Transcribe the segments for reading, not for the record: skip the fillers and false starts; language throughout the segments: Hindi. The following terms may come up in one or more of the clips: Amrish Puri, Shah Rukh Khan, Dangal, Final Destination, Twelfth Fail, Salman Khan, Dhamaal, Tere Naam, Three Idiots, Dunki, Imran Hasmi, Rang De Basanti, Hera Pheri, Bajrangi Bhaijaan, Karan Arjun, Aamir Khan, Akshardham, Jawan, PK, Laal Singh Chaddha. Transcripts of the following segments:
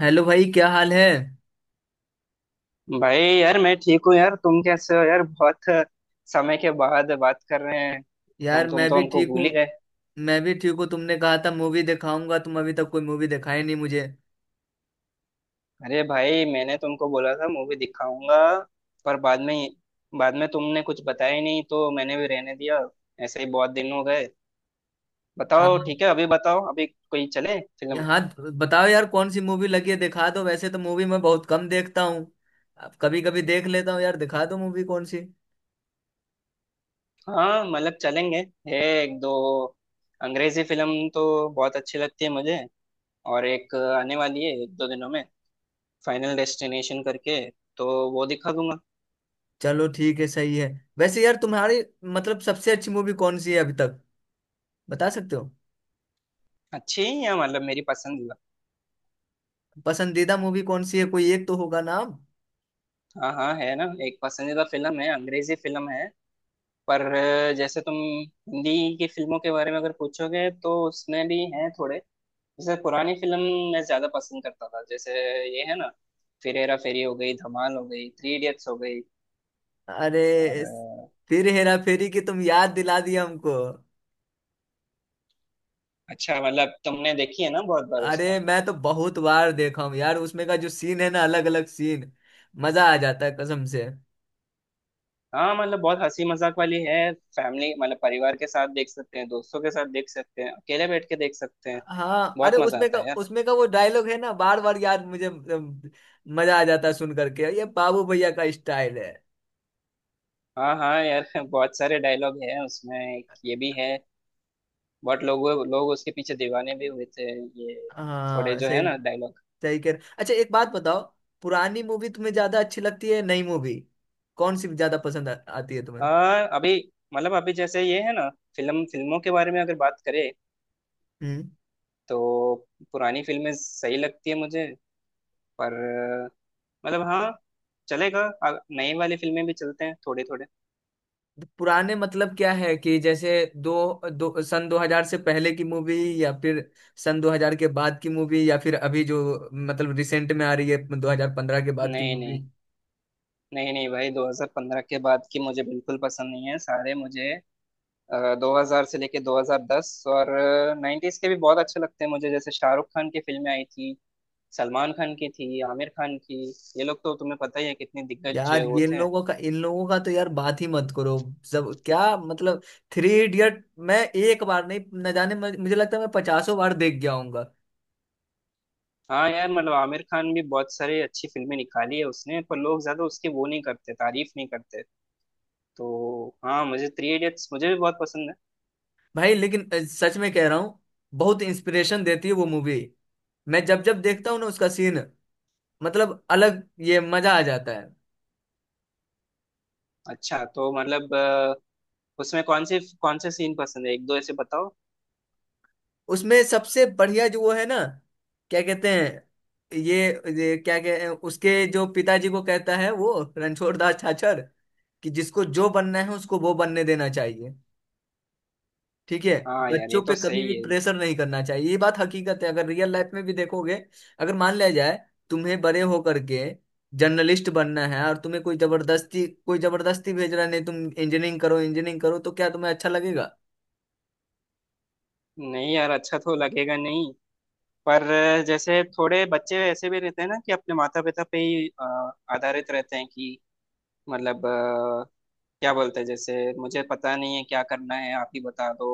हेलो भाई, क्या हाल है? भाई यार मैं ठीक हूँ यार तुम कैसे हो यार। बहुत समय के बाद बात कर रहे हैं। तुम यार तुम मैं तो भी हमको ठीक हूँ। भूल ही गए। मैं भी ठीक हूँ, तुमने कहा था मूवी दिखाऊंगा, तुम अभी तक कोई मूवी दिखाई नहीं मुझे। अरे भाई मैंने तुमको बोला था मूवी दिखाऊंगा पर बाद में। बाद में तुमने कुछ बताया ही नहीं तो मैंने भी रहने दिया। ऐसे ही बहुत दिन हो गए। हाँ। बताओ ठीक है अभी बताओ अभी कोई चले फिल्म। यहाँ। बताओ यार, कौन सी मूवी लगी है, दिखा दो। वैसे तो मूवी मैं बहुत कम देखता हूँ, अब कभी कभी देख लेता हूँ। यार दिखा दो मूवी, कौन सी? हाँ मतलब चलेंगे। है एक दो अंग्रेजी फिल्म तो बहुत अच्छी लगती है मुझे। और एक आने वाली है एक दो दिनों में, फाइनल डेस्टिनेशन करके, तो वो दिखा दूंगा। चलो ठीक है, सही है। वैसे यार तुम्हारी मतलब सबसे अच्छी मूवी कौन सी है अभी तक, बता सकते हो? अच्छी ही है मतलब मेरी पसंदीदा। पसंदीदा मूवी कौन सी है? कोई एक तो होगा नाम। हाँ हाँ है ना, एक पसंदीदा फिल्म है, अंग्रेजी फिल्म है। पर जैसे तुम हिंदी की फिल्मों के बारे में अगर पूछोगे तो उसमें भी हैं थोड़े। जैसे पुरानी फिल्म मैं ज्यादा पसंद करता था। जैसे ये है ना, फिर हेरा फेरी हो गई, धमाल हो गई, थ्री इडियट्स हो गई अरे, और फिर हेरा फेरी की तुम याद दिला दिया हमको। अच्छा मतलब तुमने देखी है ना बहुत बार अरे उसको। मैं तो बहुत बार देखा हूँ यार, उसमें का जो सीन है ना, अलग अलग सीन, मजा आ जाता है कसम से। हाँ मतलब बहुत हंसी मजाक वाली है। फैमिली मतलब परिवार के साथ देख सकते हैं, दोस्तों के साथ देख सकते हैं, अकेले बैठ के देख सकते हैं। हाँ बहुत अरे, मजा आता है यार। उसमें का वो डायलॉग है ना, बार बार यार मुझे मजा आ जाता है सुन करके। ये बाबू भैया का स्टाइल है। हाँ हाँ यार बहुत सारे डायलॉग हैं उसमें, एक ये भी है। बहुत लोग उसके पीछे दीवाने भी हुए थे, ये थोड़े हाँ जो है सही। ना डायलॉग। सही कह रहे। अच्छा एक बात बताओ, पुरानी मूवी तुम्हें ज्यादा अच्छी लगती है नई मूवी, कौन सी ज्यादा पसंद आती है तुम्हें? हाँ अभी मतलब अभी जैसे ये है ना, फिल्मों के बारे में अगर बात करें हम्म। तो पुरानी फिल्में सही लगती है मुझे। पर मतलब हाँ चलेगा, अ- नई वाली फिल्में भी चलते हैं थोड़े थोड़े। पुराने मतलब क्या है कि जैसे दो सन 2000 से पहले की मूवी, या फिर सन 2000 के बाद की मूवी, या फिर अभी जो मतलब रिसेंट में आ रही है 2015 के बाद की नहीं मूवी। नहीं, नहीं नहीं भाई, 2015 के बाद की मुझे बिल्कुल पसंद नहीं है सारे मुझे। 2000 से लेके 2010 और 90s के भी बहुत अच्छे लगते हैं मुझे। जैसे शाहरुख खान की फिल्में आई थी, सलमान खान की थी, आमिर खान की। ये लोग तो तुम्हें पता ही है कितने दिग्गज यार वो ये थे। लोगों का, इन लोगों का तो यार बात ही मत करो। सब क्या मतलब, थ्री इडियट मैं एक बार नहीं, न जाने मुझे लगता है मैं पचासों बार देख गया हूंगा। हाँ यार मतलब आमिर खान भी बहुत सारी अच्छी फिल्में निकाली है उसने, पर लोग ज्यादा उसकी वो नहीं करते, तारीफ नहीं करते। तो हाँ मुझे थ्री इडियट्स मुझे भी बहुत पसंद है। भाई लेकिन सच में कह रहा हूँ, बहुत इंस्पिरेशन देती है वो मूवी। मैं जब जब देखता हूँ ना उसका सीन, मतलब अलग, ये मजा आ जाता है। अच्छा तो मतलब उसमें कौन से सीन पसंद है, एक दो ऐसे बताओ। उसमें सबसे बढ़िया जो वो है ना, क्या कहते हैं, ये क्या कहते हैं, उसके जो पिताजी को कहता है वो, रणछोड़ दास छाछर, कि जिसको जो बनना है उसको वो बनने देना चाहिए, ठीक है? हाँ यार बच्चों ये पे तो कभी भी सही है। प्रेशर नहीं करना चाहिए, ये बात हकीकत है। अगर रियल लाइफ में भी देखोगे, अगर मान लिया जाए तुम्हें बड़े होकर के जर्नलिस्ट बनना है, और तुम्हें कोई जबरदस्ती, कोई जबरदस्ती भेज रहा है नहीं तुम इंजीनियरिंग करो, इंजीनियरिंग करो, तो क्या तुम्हें अच्छा लगेगा? नहीं यार अच्छा तो लगेगा नहीं। पर जैसे थोड़े बच्चे ऐसे भी रहते हैं ना कि अपने माता पिता पे ही आधारित रहते हैं कि मतलब क्या बोलते हैं जैसे, मुझे पता नहीं है क्या करना है आप ही बता दो।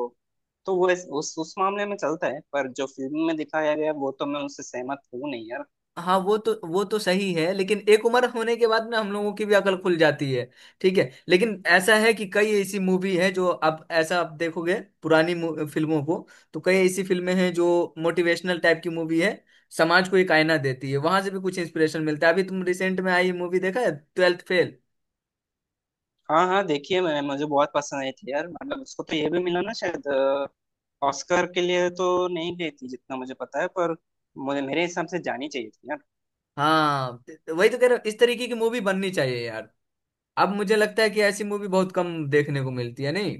तो वो उस मामले में चलता है, पर जो फिल्म में दिखाया गया वो तो मैं उससे सहमत हूँ नहीं यार। हाँ वो तो, वो तो सही है, लेकिन एक उम्र होने के बाद में हम लोगों की भी अकल खुल जाती है। ठीक है, लेकिन ऐसा है कि कई ऐसी मूवी है जो आप ऐसा आप देखोगे, पुरानी फिल्मों को, तो कई ऐसी फिल्में हैं जो मोटिवेशनल टाइप की मूवी है, समाज को एक आईना देती है, वहां से भी कुछ इंस्पिरेशन मिलता है। अभी तुम रिसेंट में आई मूवी देखा है, ट्वेल्थ फेल? हाँ हाँ देखिए मैं मुझे बहुत पसंद आई थी यार। मतलब उसको तो ये भी मिला ना शायद, ऑस्कर के लिए तो नहीं गई थी जितना मुझे पता है, पर मुझे, मेरे हिसाब से, जानी चाहिए थी यार। हाँ तो वही तो कह रहा हूँ, इस तरीके की मूवी बननी चाहिए यार। अब मुझे लगता है कि ऐसी मूवी बहुत कम देखने को मिलती है, नहीं?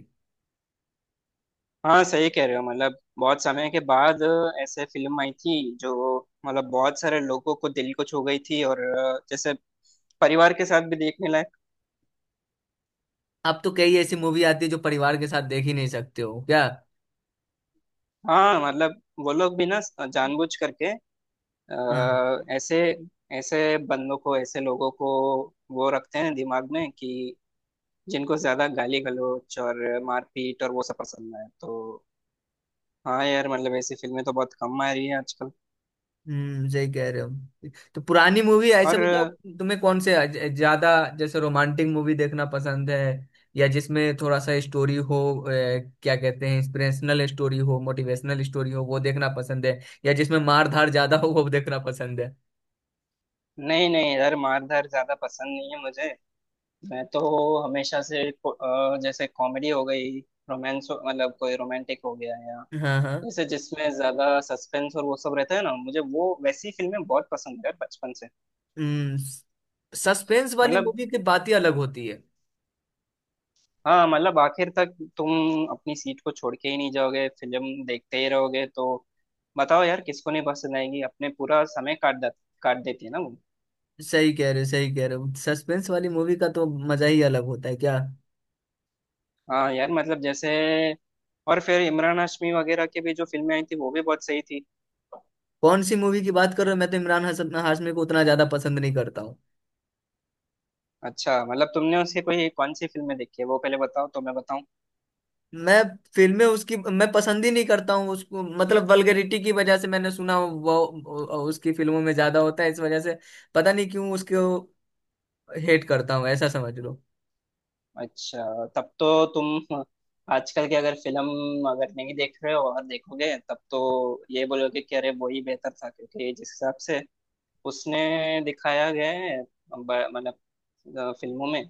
हाँ सही कह रहे हो। मतलब बहुत समय के बाद ऐसे फिल्म आई थी जो मतलब बहुत सारे लोगों को दिल को छू गई थी, और जैसे परिवार के साथ भी देखने लायक। अब तो कई ऐसी मूवी आती है जो परिवार के साथ देख ही नहीं सकते हो क्या। हाँ मतलब वो लोग भी ना जानबूझ करके अ, ऐसे ऐसे बंदों को, ऐसे लोगों को वो रखते हैं दिमाग में कि जिनको ज्यादा गाली गलौज और मारपीट और वो सब पसंद है, तो हाँ यार मतलब ऐसी फिल्में तो बहुत कम आ रही है आजकल। सही कह रहे हो। तो पुरानी मूवी ऐसे और बताओ, तुम्हें कौन से ज्यादा जैसे रोमांटिक मूवी देखना पसंद है, या जिसमें थोड़ा सा स्टोरी हो, क्या कहते हैं, इंस्पिरेशनल स्टोरी हो, मोटिवेशनल स्टोरी हो, वो देखना पसंद है, या जिसमें मार धार ज्यादा हो वो देखना पसंद है? नहीं नहीं यार मार धार ज्यादा पसंद नहीं है मुझे। मैं तो हमेशा से जैसे कॉमेडी हो गई, रोमांस मतलब कोई रोमांटिक हो गया, या हाँ हाँ। जैसे जिसमें ज्यादा सस्पेंस और वो सब रहता है ना, मुझे वो वैसी फिल्में बहुत पसंद है बचपन से। हम्म। सस्पेंस वाली मतलब मूवी की बात ही अलग होती है। हाँ मतलब आखिर तक तुम अपनी सीट को छोड़ के ही नहीं जाओगे, फिल्म देखते ही रहोगे। तो बताओ यार किसको नहीं पसंद आएगी, अपने पूरा समय काट देती है ना वो। सही कह रहे हो, सही कह रहे हो, सस्पेंस वाली मूवी का तो मजा ही अलग होता है क्या। हाँ यार मतलब जैसे, और फिर इमरान हाशमी वगैरह की भी जो फिल्में आई थी वो भी बहुत सही थी। कौन सी मूवी की बात कर रहे हो? मैं तो इमरान हसन हाशमी को उतना ज्यादा पसंद नहीं करता। अच्छा मतलब तुमने उसके कोई कौन सी फिल्में देखी है वो पहले बताओ तो मैं बताऊं। मैं फिल्में उसकी मैं पसंद ही नहीं करता हूँ उसको, मतलब वल्गैरिटी की वजह से, मैंने सुना उसकी फिल्मों में ज्यादा होता है, इस वजह से पता नहीं क्यों उसको हेट करता हूँ, ऐसा समझ लो। अच्छा तब तो तुम आजकल की अगर फिल्म अगर नहीं देख रहे हो, और देखोगे तब तो ये बोलोगे कि अरे वो ही बेहतर था, क्योंकि जिस हिसाब से उसने दिखाया गया है मतलब फिल्मों में,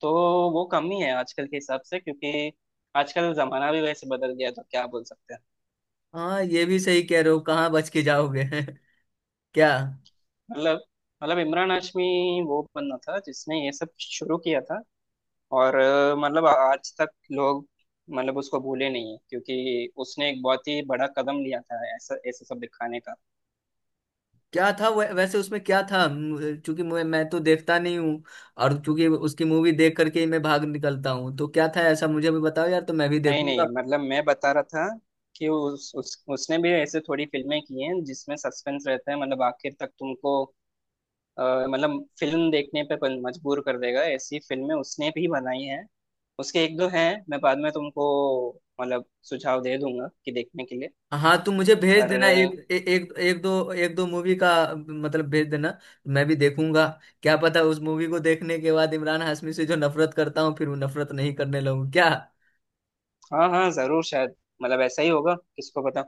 तो वो कम ही है आजकल के हिसाब से, क्योंकि आजकल जमाना भी वैसे बदल गया है, तो क्या बोल सकते हैं। हाँ ये भी सही कह रहे हो, कहाँ बच के जाओगे क्या। मतलब, इमरान हाशमी वो बंदा था जिसने ये सब शुरू किया था। और मतलब आज तक लोग मतलब उसको भूले नहीं है, क्योंकि उसने एक बहुत ही बड़ा कदम लिया था, ऐसा ऐसे सब दिखाने का। क्या था वैसे उसमें क्या था चूंकि मैं तो देखता नहीं हूँ, और चूंकि उसकी मूवी देख करके ही मैं भाग निकलता हूँ, तो क्या था ऐसा मुझे भी बताओ यार, तो मैं भी नहीं देखूंगा। नहीं मतलब मैं बता रहा था कि उस उसने भी ऐसे थोड़ी फिल्में की हैं जिसमें सस्पेंस रहता है। मतलब आखिर तक तुमको अ, मतलब फिल्म देखने पे मजबूर कर देगा, ऐसी फिल्में उसने भी बनाई हैं। उसके एक दो हैं मैं बाद में तुमको मतलब सुझाव दे दूंगा कि देखने के लिए। हाँ तुम मुझे भेज पर देना, एक एक एक दो मूवी का, मतलब भेज देना, मैं भी देखूंगा। क्या पता उस मूवी को देखने के बाद इमरान हाशमी से जो नफरत करता हूँ फिर वो नफरत नहीं करने लगूँ क्या। हाँ हाँ जरूर शायद, मतलब ऐसा ही होगा, किसको पता।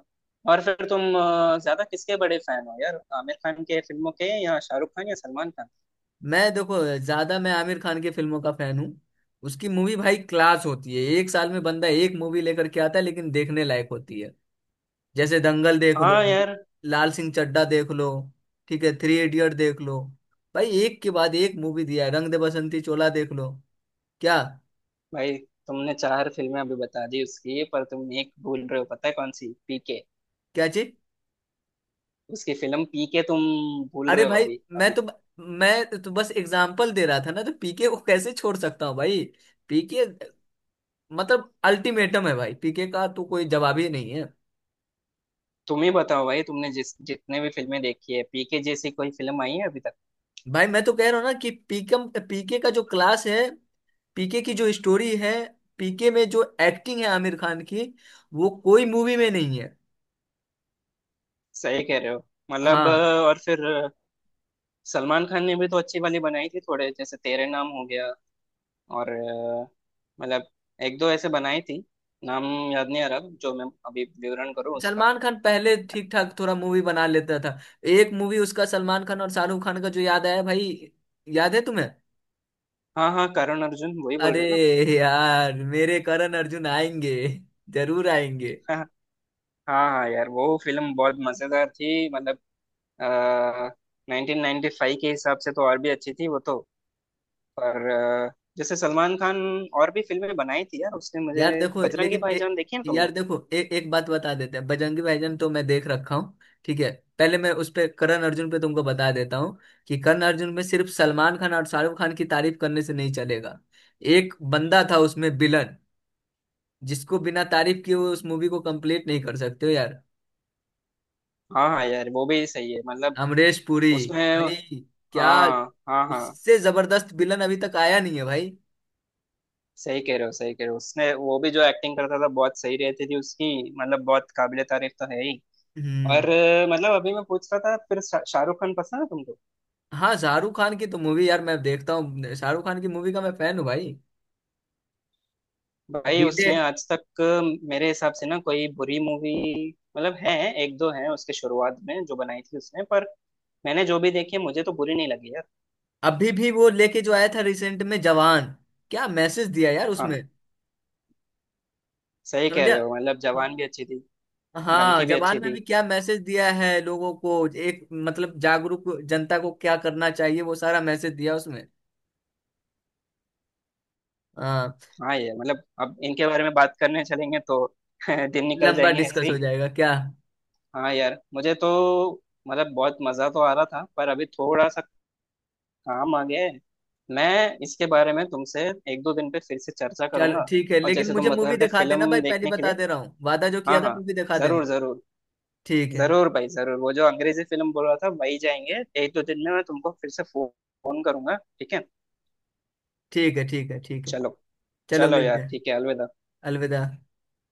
और फिर तुम ज्यादा किसके बड़े फैन हो यार, आमिर खान के फिल्मों के, या शाहरुख खान, या सलमान खान? मैं देखो, ज्यादा मैं आमिर खान की फिल्मों का फैन हूँ। उसकी मूवी भाई क्लास होती है, एक साल में बंदा एक मूवी लेकर के आता है, लेकिन देखने लायक होती है। जैसे दंगल देख लो, हाँ यार। लाल सिंह चड्ढा देख लो, ठीक है, थ्री इडियट देख लो, भाई एक के बाद एक मूवी दिया है, रंग दे बसंती चोला देख लो। क्या? भाई तुमने चार फिल्में अभी बता दी उसकी, पर तुम एक भूल रहे हो, पता है कौन सी? पीके। क्या चीज? उसकी फिल्म पीके तुम भूल अरे रहे हो भाई अभी मैं अभी। तो मैं तो बस एग्जाम्पल दे रहा था ना, तो पीके को कैसे छोड़ सकता हूँ भाई। पीके मतलब अल्टीमेटम है भाई, पीके का तो कोई जवाब ही नहीं है। तुम ही बताओ भाई, तुमने जिस जितने भी फिल्में देखी है, पीके जैसी कोई फिल्म आई है अभी तक? भाई मैं तो कह रहा हूँ ना कि पीकम पीके का जो क्लास है, पीके की जो स्टोरी है, पीके में जो एक्टिंग है आमिर खान की, वो कोई मूवी में नहीं है। सही कह रहे हो। मतलब हाँ। और फिर सलमान खान ने भी तो अच्छी वाली बनाई थी थोड़े, जैसे तेरे नाम हो गया और मतलब एक दो ऐसे बनाई थी। नाम याद नहीं आ रहा जो मैं अभी विवरण करूँ उसका। सलमान खान पहले ठीक ठाक थोड़ा मूवी बना लेता था। एक मूवी उसका, सलमान खान और शाहरुख खान का, जो याद आया भाई, याद है तुम्हें? हाँ हाँ करण अर्जुन, वही बोल अरे रहे हो ना? यार, मेरे करण अर्जुन आएंगे, जरूर आएंगे। हाँ हाँ यार वो फिल्म बहुत मजेदार थी। मतलब आ, 1995 के हिसाब से तो और भी अच्छी थी वो तो। पर जैसे सलमान खान और भी फिल्में बनाई थी यार उसने, मुझे। यार देखो बजरंगी लेकिन एक, भाईजान देखी है तुमने? यार देखो एक एक बात बता देते हैं, बजरंगी भाईजान तो मैं देख रखा हूँ ठीक है। पहले मैं उस पे, करण अर्जुन पे तुमको बता देता हूँ, कि करण अर्जुन में सिर्फ सलमान खान और शाहरुख खान की तारीफ करने से नहीं चलेगा, एक बंदा था उसमें विलन, जिसको बिना तारीफ किए हुए उस मूवी को कंप्लीट नहीं कर सकते हो यार। हाँ हाँ यार वो भी सही है। मतलब अमरीश पुरी उसमें, भाई। क्या? हाँ हाँ हाँ, उससे जबरदस्त विलन अभी तक आया नहीं है भाई। सही कह रहे हो, सही कह रहे हो। उसने वो भी जो एक्टिंग करता था बहुत सही रहती थी उसकी। मतलब बहुत काबिले तारीफ तो है ही। हम्म। और मतलब अभी मैं पूछ रहा था फिर शाहरुख खान पसंद है तुमको? हाँ शाहरुख खान की तो मूवी यार मैं देखता हूँ, शाहरुख खान की मूवी का मैं फैन हूँ भाई। भाई डीजे। उसने आज तक मेरे हिसाब से ना कोई बुरी मूवी मतलब है। एक दो है उसके शुरुआत में जो बनाई थी उसने, पर मैंने जो भी देखी है मुझे तो बुरी नहीं लगी यार। अभी भी वो लेके जो आया था रिसेंट में, जवान, क्या मैसेज दिया यार हाँ उसमें। सही कह समझा। रहे हो, मतलब जवान भी अच्छी थी। हाँ डंकी भी जवान अच्छी में थी। भी क्या मैसेज दिया है लोगों को, एक मतलब जागरूक जनता को क्या करना चाहिए, वो सारा मैसेज दिया उसमें। हाँ। हाँ ये मतलब अब इनके बारे में बात करने चलेंगे तो दिन निकल लंबा जाएंगे ऐसे डिस्कस हो ही। जाएगा क्या। हाँ यार मुझे तो मतलब बहुत मजा तो आ रहा था, पर अभी थोड़ा सा काम आ गया है। मैं इसके बारे में तुमसे एक दो दिन पे फिर से चर्चा चलो करूंगा। ठीक है, और लेकिन जैसे मुझे तुम बता मूवी रहे थे दिखा देना भाई, फिल्म पहले देखने के लिए, बता दे रहा हूँ, वादा जो हाँ किया था हाँ मूवी दिखा देना। जरूर जरूर। ठीक है, जरूर भाई जरूर, वो जो अंग्रेजी फिल्म बोल रहा था वही जाएंगे एक दो दिन में, मैं तुमको फिर से फोन करूंगा ठीक है। ठीक है, ठीक है। ठीक है। चलो, चलो चलो यार मिलते हैं। ठीक है, अलविदा। अलविदा।